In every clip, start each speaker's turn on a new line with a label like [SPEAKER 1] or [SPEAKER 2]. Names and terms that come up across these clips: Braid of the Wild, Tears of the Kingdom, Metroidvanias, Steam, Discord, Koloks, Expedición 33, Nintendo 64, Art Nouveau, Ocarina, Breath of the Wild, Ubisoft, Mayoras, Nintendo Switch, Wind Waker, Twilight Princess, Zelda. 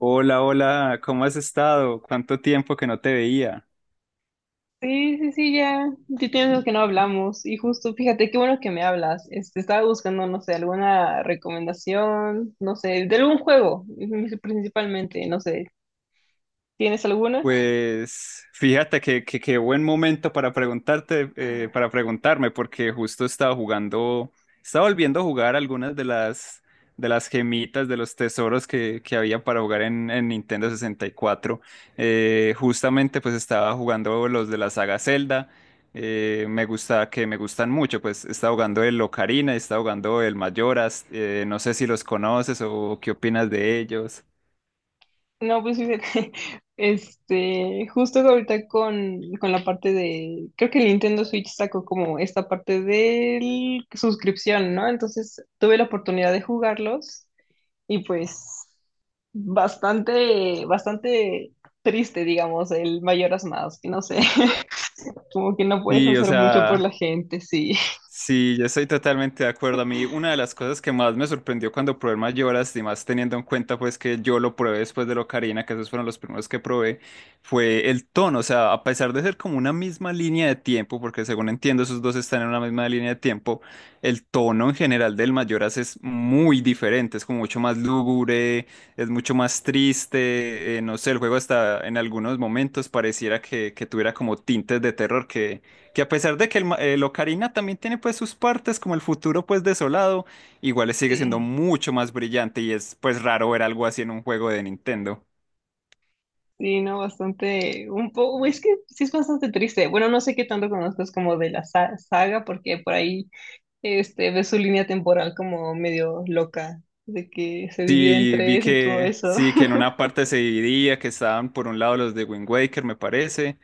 [SPEAKER 1] Hola, hola, ¿cómo has estado? ¿Cuánto tiempo que no te veía?
[SPEAKER 2] Sí, sí, sí, ya. Ya tienes que no hablamos. Y justo, fíjate, qué bueno que me hablas. Este, estaba buscando, no sé, alguna recomendación, no sé, de algún juego, principalmente, no sé. ¿Tienes alguna?
[SPEAKER 1] Pues fíjate qué buen momento para preguntarme, porque justo estaba jugando, estaba volviendo a jugar algunas de las gemitas, de los tesoros que había para jugar en Nintendo 64. Justamente pues estaba jugando los de la saga Zelda, me gustan mucho. Pues estaba jugando el Ocarina, estaba jugando el Mayoras. No sé si los conoces o qué opinas de ellos.
[SPEAKER 2] No, pues fíjate, este, justo ahorita con la parte de, creo que el Nintendo Switch sacó como esta parte de suscripción, ¿no? Entonces tuve la oportunidad de jugarlos. Y pues bastante, bastante triste, digamos, el mayoras más, no sé, como que no puedes
[SPEAKER 1] Sí, o
[SPEAKER 2] hacer mucho por
[SPEAKER 1] sea,
[SPEAKER 2] la gente, sí,
[SPEAKER 1] sí, yo estoy totalmente de acuerdo. A mí una de las cosas que más me sorprendió cuando probé el Mayoras, y más teniendo en cuenta pues que yo lo probé después de Locarina, que esos fueron los primeros que probé, fue el tono. O sea, a pesar de ser como una misma línea de tiempo, porque según entiendo esos dos están en una misma línea de tiempo, el tono en general del Mayoras es muy diferente, es como mucho más lúgubre, es mucho más triste. No sé, el juego hasta en algunos momentos pareciera que tuviera como tintes de terror, que a pesar de que el Ocarina también tiene pues sus partes como el futuro pues desolado, igual sigue siendo
[SPEAKER 2] sí,
[SPEAKER 1] mucho más brillante, y es pues raro ver algo así en un juego de Nintendo.
[SPEAKER 2] sí, no, bastante, un poco, es que sí es bastante triste, bueno, no sé qué tanto conozcas como de la saga, porque por ahí, este, ves su línea temporal como medio loca, de que se divide en
[SPEAKER 1] Sí, vi
[SPEAKER 2] tres y todo
[SPEAKER 1] que
[SPEAKER 2] eso.
[SPEAKER 1] sí, que en una parte se dividía, que estaban por un lado los de Wind Waker, me parece.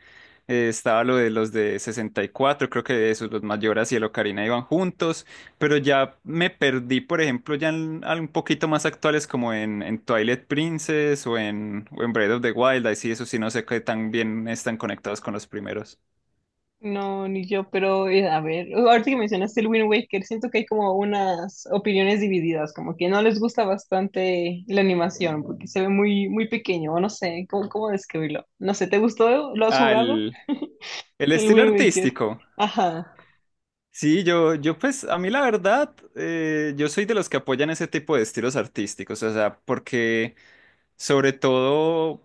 [SPEAKER 1] Estaba lo de los de 64, creo que esos, los Mayoras y el Ocarina iban juntos. Pero ya me perdí, por ejemplo, ya un poquito más actuales como en Twilight Princess o en Breath of the Wild. Ahí sí, eso sí, no sé qué tan bien están conectados con los primeros.
[SPEAKER 2] No, ni yo, pero a ver, ahorita que mencionaste el Wind Waker, siento que hay como unas opiniones divididas, como que no les gusta bastante la animación, porque se ve muy, muy pequeño, o no sé, ¿cómo describirlo? No sé, ¿te gustó? ¿Lo has
[SPEAKER 1] Al
[SPEAKER 2] jugado?
[SPEAKER 1] El
[SPEAKER 2] El
[SPEAKER 1] estilo
[SPEAKER 2] Wind Waker.
[SPEAKER 1] artístico.
[SPEAKER 2] Ajá.
[SPEAKER 1] Sí, yo pues a mí la verdad, yo soy de los que apoyan ese tipo de estilos artísticos, o sea, porque sobre todo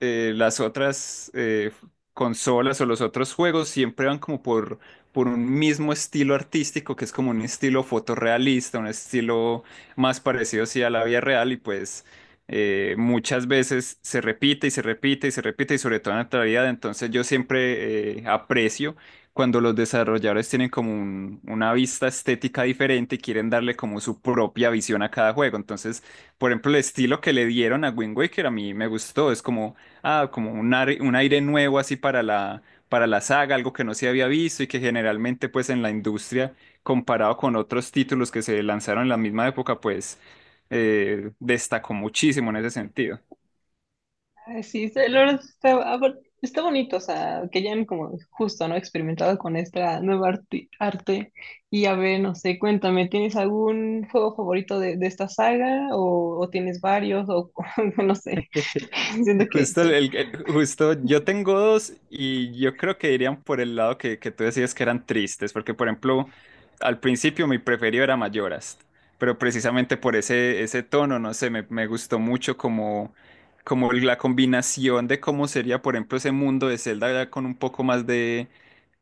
[SPEAKER 1] eh, las otras, consolas o los otros juegos siempre van como por un mismo estilo artístico, que es como un estilo fotorrealista, un estilo más parecido sí, a la vida real, y pues muchas veces se repite y se repite y se repite, y sobre todo en la actualidad. Entonces yo siempre, aprecio cuando los desarrolladores tienen como una vista estética diferente y quieren darle como su propia visión a cada juego. Entonces, por ejemplo, el estilo que le dieron a Wind Waker a mí me gustó. Es como, ah, como un aire nuevo así para para la saga, algo que no se había visto y que generalmente pues en la industria, comparado con otros títulos que se lanzaron en la misma época, pues destacó muchísimo en ese sentido.
[SPEAKER 2] Ay, sí, la verdad está, ah, bueno, está bonito, o sea, que ya hayan como justo, ¿no? Experimentado con esta nueva arte. Y a ver, no sé, cuéntame, ¿tienes algún juego favorito de esta saga? ¿O tienes varios? O no sé, siento que
[SPEAKER 1] Justo,
[SPEAKER 2] o
[SPEAKER 1] justo yo tengo dos, y yo creo que irían por el lado que tú decías que eran tristes, porque por ejemplo, al principio mi preferido era Mayoras, pero precisamente por ese tono. No sé, me gustó mucho como la combinación de cómo sería, por ejemplo, ese mundo de Zelda ya con un poco más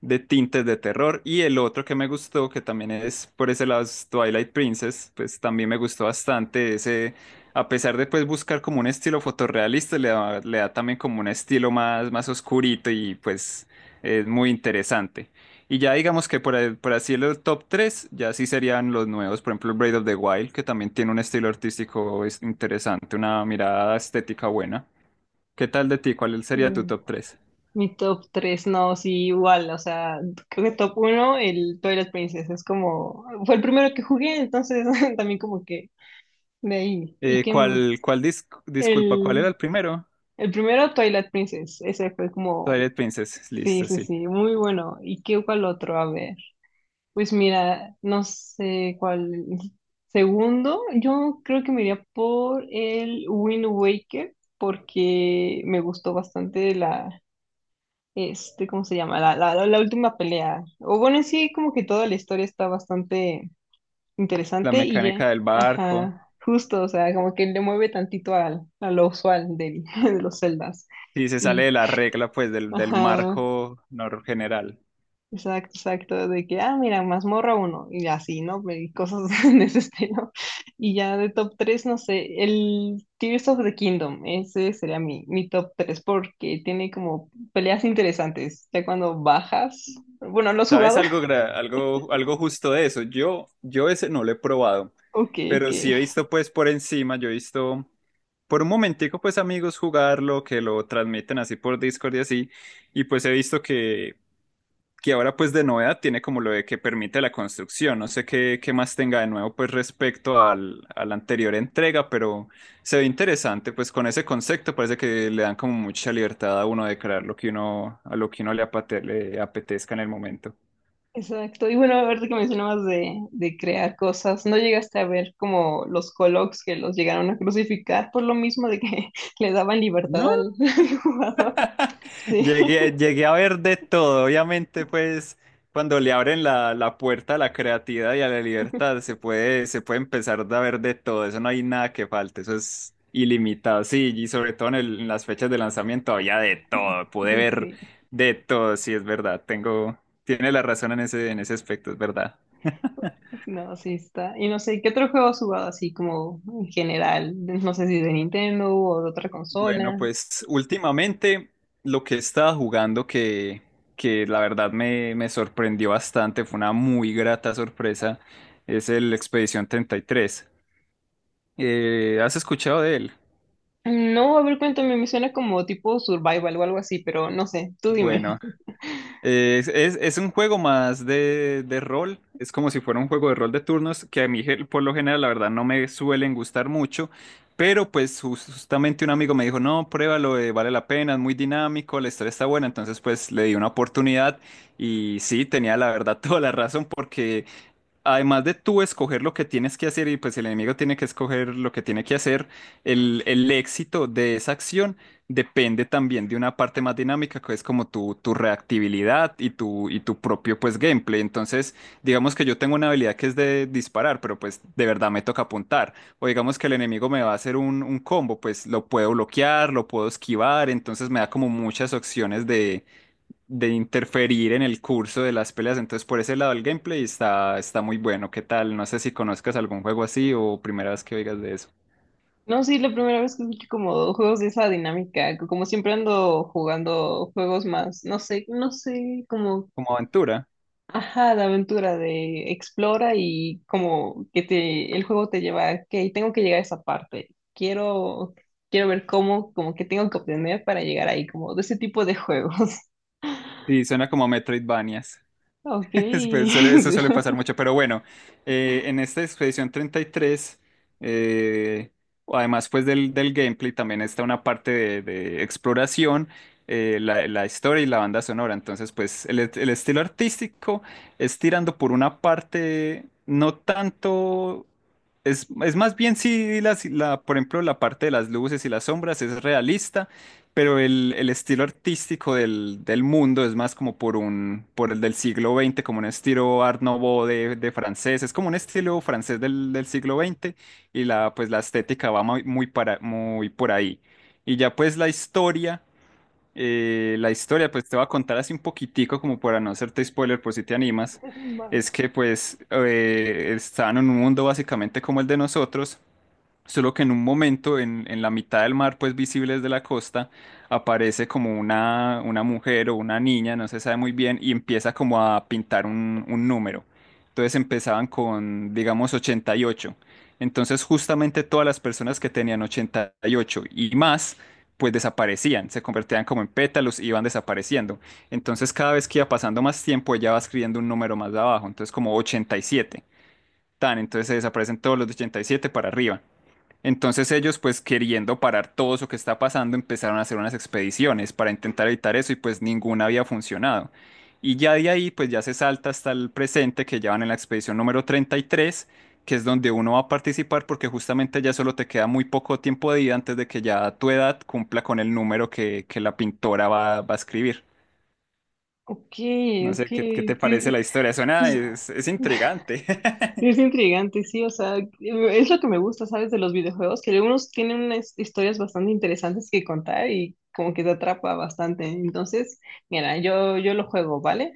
[SPEAKER 1] de tintes de terror. Y el otro que me gustó, que también es por ese lado, es Twilight Princess. Pues también me gustó bastante ese, a pesar de pues buscar como un estilo fotorrealista, le da también como un estilo más, más oscurito, y pues es muy interesante. Y ya digamos que por así el top 3 ya sí serían los nuevos, por ejemplo Braid of the Wild, que también tiene un estilo artístico interesante, una mirada estética buena. ¿Qué tal de ti? ¿Cuál sería tu
[SPEAKER 2] mm,
[SPEAKER 1] top tres?
[SPEAKER 2] mi top 3 no, sí, igual, o sea, creo que top uno el Twilight Princess, es como, fue el primero que jugué, entonces también como que de ahí. ¿Y qué más?
[SPEAKER 1] Disculpa, ¿cuál era
[SPEAKER 2] El...
[SPEAKER 1] el primero?
[SPEAKER 2] El primero, Twilight Princess, ese fue como.
[SPEAKER 1] Twilight Princess,
[SPEAKER 2] Sí,
[SPEAKER 1] listo,
[SPEAKER 2] sí,
[SPEAKER 1] sí.
[SPEAKER 2] sí, muy bueno. ¿Y qué cuál otro? A ver. Pues mira, no sé cuál. Segundo, yo creo que me iría por el Wind Waker porque me gustó bastante la, este, ¿cómo se llama? La última pelea. O bueno, en sí, como que toda la historia está bastante
[SPEAKER 1] La
[SPEAKER 2] interesante y ya,
[SPEAKER 1] mecánica del barco.
[SPEAKER 2] ajá, justo, o sea, como que le mueve tantito al, a lo usual de los celdas.
[SPEAKER 1] Sí, se sale
[SPEAKER 2] Y,
[SPEAKER 1] de la regla, pues, del, del
[SPEAKER 2] ajá.
[SPEAKER 1] marco general.
[SPEAKER 2] Exacto, exacto, de que, ah, mira, mazmorra uno, y así, ¿no? Y cosas de ese estilo. Y ya de top 3 no sé, el Tears of the Kingdom, ese sería mi top 3 porque tiene como peleas interesantes, ya cuando bajas, bueno, ¿lo has
[SPEAKER 1] ¿Sabes
[SPEAKER 2] jugado?
[SPEAKER 1] algo, algo justo de eso? Yo ese no lo he probado,
[SPEAKER 2] Ok, ok,
[SPEAKER 1] pero sí he visto, pues, por encima. Yo he visto por un momentico, pues, amigos jugarlo, que lo transmiten así por Discord y así. Y pues he visto que ahora pues de novedad tiene como lo de que permite la construcción. No sé qué más tenga de nuevo pues respecto a la anterior entrega, pero se ve interesante. Pues con ese concepto parece que le dan como mucha libertad a uno de crear lo que uno, a lo que uno le apetezca en el momento.
[SPEAKER 2] exacto. Y bueno, ahorita que mencionabas de crear cosas, ¿no llegaste a ver como los Koloks que los llegaron a crucificar por lo mismo de que le daban
[SPEAKER 1] No,
[SPEAKER 2] libertad al al jugador? Sí,
[SPEAKER 1] Llegué a ver de todo, obviamente. Pues cuando le abren la puerta a la creatividad y a la libertad, se puede empezar a ver de todo, eso no hay nada que falte, eso es ilimitado. Sí, y sobre todo en las fechas de lanzamiento había de todo, pude ver
[SPEAKER 2] sí.
[SPEAKER 1] de todo, sí, es verdad. Tiene la razón en en ese aspecto, es verdad.
[SPEAKER 2] No, sí está. Y no sé, ¿qué otro juego has jugado así como en general? No sé si de Nintendo o de otra
[SPEAKER 1] Bueno,
[SPEAKER 2] consola.
[SPEAKER 1] pues últimamente lo que he estado jugando que la verdad me sorprendió bastante, fue una muy grata sorpresa, es el Expedición 33. ¿Has escuchado de él?
[SPEAKER 2] No, a ver, cuéntame, me suena como tipo survival o algo así, pero no sé, tú dime.
[SPEAKER 1] Bueno, Es un juego más de rol, es como si fuera un juego de rol de turnos que a mí por lo general la verdad no me suelen gustar mucho. Pero pues justamente un amigo me dijo, no, pruébalo, vale la pena, es muy dinámico, la historia está buena. Entonces pues le di una oportunidad, y sí, tenía la verdad toda la razón, porque además de tú escoger lo que tienes que hacer, y pues el enemigo tiene que escoger lo que tiene que hacer, el éxito de esa acción depende también de una parte más dinámica, que es como tu reactibilidad, y tu propio pues gameplay. Entonces, digamos que yo tengo una habilidad que es de disparar, pero pues de verdad me toca apuntar. O digamos que el enemigo me va a hacer un combo, pues lo puedo bloquear, lo puedo esquivar. Entonces me da como muchas opciones de interferir en el curso de las peleas. Entonces, por ese lado, el gameplay está muy bueno. ¿Qué tal? No sé si conozcas algún juego así o primera vez que oigas de eso.
[SPEAKER 2] No, sí, la primera vez que escucho como juegos de esa dinámica, que como siempre ando jugando juegos más, no sé, no sé, como.
[SPEAKER 1] Como aventura.
[SPEAKER 2] Ajá, de aventura, de explora y como que te, el juego te lleva a, que tengo que llegar a esa parte. Quiero ver cómo, como que tengo que obtener para llegar ahí, como de ese tipo de juegos.
[SPEAKER 1] Sí, suena como Metroidvanias.
[SPEAKER 2] Ok.
[SPEAKER 1] Pues eso
[SPEAKER 2] Sí.
[SPEAKER 1] suele pasar mucho, pero bueno, en esta expedición 33, eh, además pues del gameplay, también está una parte de exploración. La historia y la banda sonora, entonces pues el estilo artístico es tirando por una parte, no tanto, es más bien, si la, la- por ejemplo, la parte de las luces y las sombras es realista, pero el estilo artístico del mundo es más como por el del siglo XX, como un estilo Art Nouveau de francés. Es como un estilo francés del siglo XX, y la, pues la estética va muy, muy por ahí. Y ya pues la historia pues te voy a contar así un poquitico como para no hacerte spoiler por si te animas.
[SPEAKER 2] Va.
[SPEAKER 1] Es que pues estaban en un mundo básicamente como el de nosotros. Solo que en un momento, en la mitad del mar, pues visibles de la costa, aparece como una mujer o una niña, no se sabe muy bien, y empieza como a pintar un número. Entonces empezaban con, digamos, 88. Entonces justamente todas las personas que tenían 88 y ocho y más, pues desaparecían, se convertían como en pétalos y iban desapareciendo. Entonces cada vez que iba pasando más tiempo, ella va escribiendo un número más abajo, entonces como 87. Tan, entonces se desaparecen todos los de 87 para arriba. Entonces ellos, pues queriendo parar todo eso que está pasando, empezaron a hacer unas expediciones para intentar evitar eso, y pues ninguna había funcionado. Y ya de ahí, pues ya se salta hasta el presente, que ya van en la expedición número 33, que es donde uno va a participar, porque justamente ya solo te queda muy poco tiempo de vida antes de que ya tu edad cumpla con el número que la pintora va a escribir.
[SPEAKER 2] Ok,
[SPEAKER 1] No
[SPEAKER 2] ok.
[SPEAKER 1] sé, ¿qué, qué
[SPEAKER 2] Sí,
[SPEAKER 1] te
[SPEAKER 2] sí,
[SPEAKER 1] parece la historia? Suena, es intrigante.
[SPEAKER 2] es intrigante, sí, o sea, es lo que me gusta, ¿sabes? De los videojuegos, que algunos tienen unas historias bastante interesantes que contar y como que te atrapa bastante. Entonces, mira, yo lo juego, ¿vale?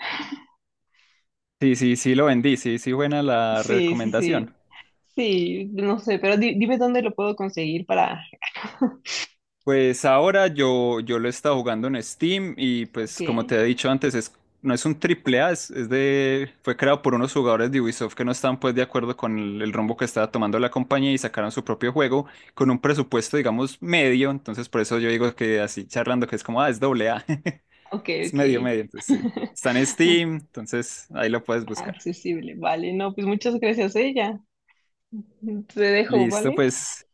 [SPEAKER 1] Sí, sí, sí, lo vendí, sí, sí, buena la
[SPEAKER 2] Sí, sí,
[SPEAKER 1] recomendación.
[SPEAKER 2] sí. Sí, no sé, pero dime dónde lo puedo conseguir para...
[SPEAKER 1] Pues ahora yo lo he estado jugando en Steam, y
[SPEAKER 2] Ok,
[SPEAKER 1] pues como te he dicho antes, es, no es un triple A, es, fue creado por unos jugadores de Ubisoft que no estaban pues de acuerdo con el rumbo que estaba tomando la compañía, y sacaron su propio juego con un presupuesto digamos medio. Entonces por eso yo digo que así charlando que es como, ah, es doble A,
[SPEAKER 2] ok,
[SPEAKER 1] es
[SPEAKER 2] ok.
[SPEAKER 1] medio medio, entonces sí. Está en Steam, entonces ahí lo puedes buscar.
[SPEAKER 2] Accesible, vale. No, pues muchas gracias, ella. Te dejo,
[SPEAKER 1] Listo,
[SPEAKER 2] ¿vale?
[SPEAKER 1] pues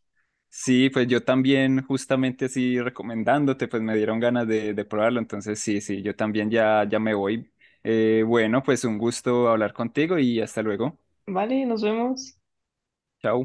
[SPEAKER 1] sí, pues yo también, justamente así recomendándote, pues me dieron ganas de probarlo. Entonces, sí, sí, yo también ya, ya me voy. Bueno, pues un gusto hablar contigo, y hasta luego.
[SPEAKER 2] Vale, nos vemos.
[SPEAKER 1] Chao.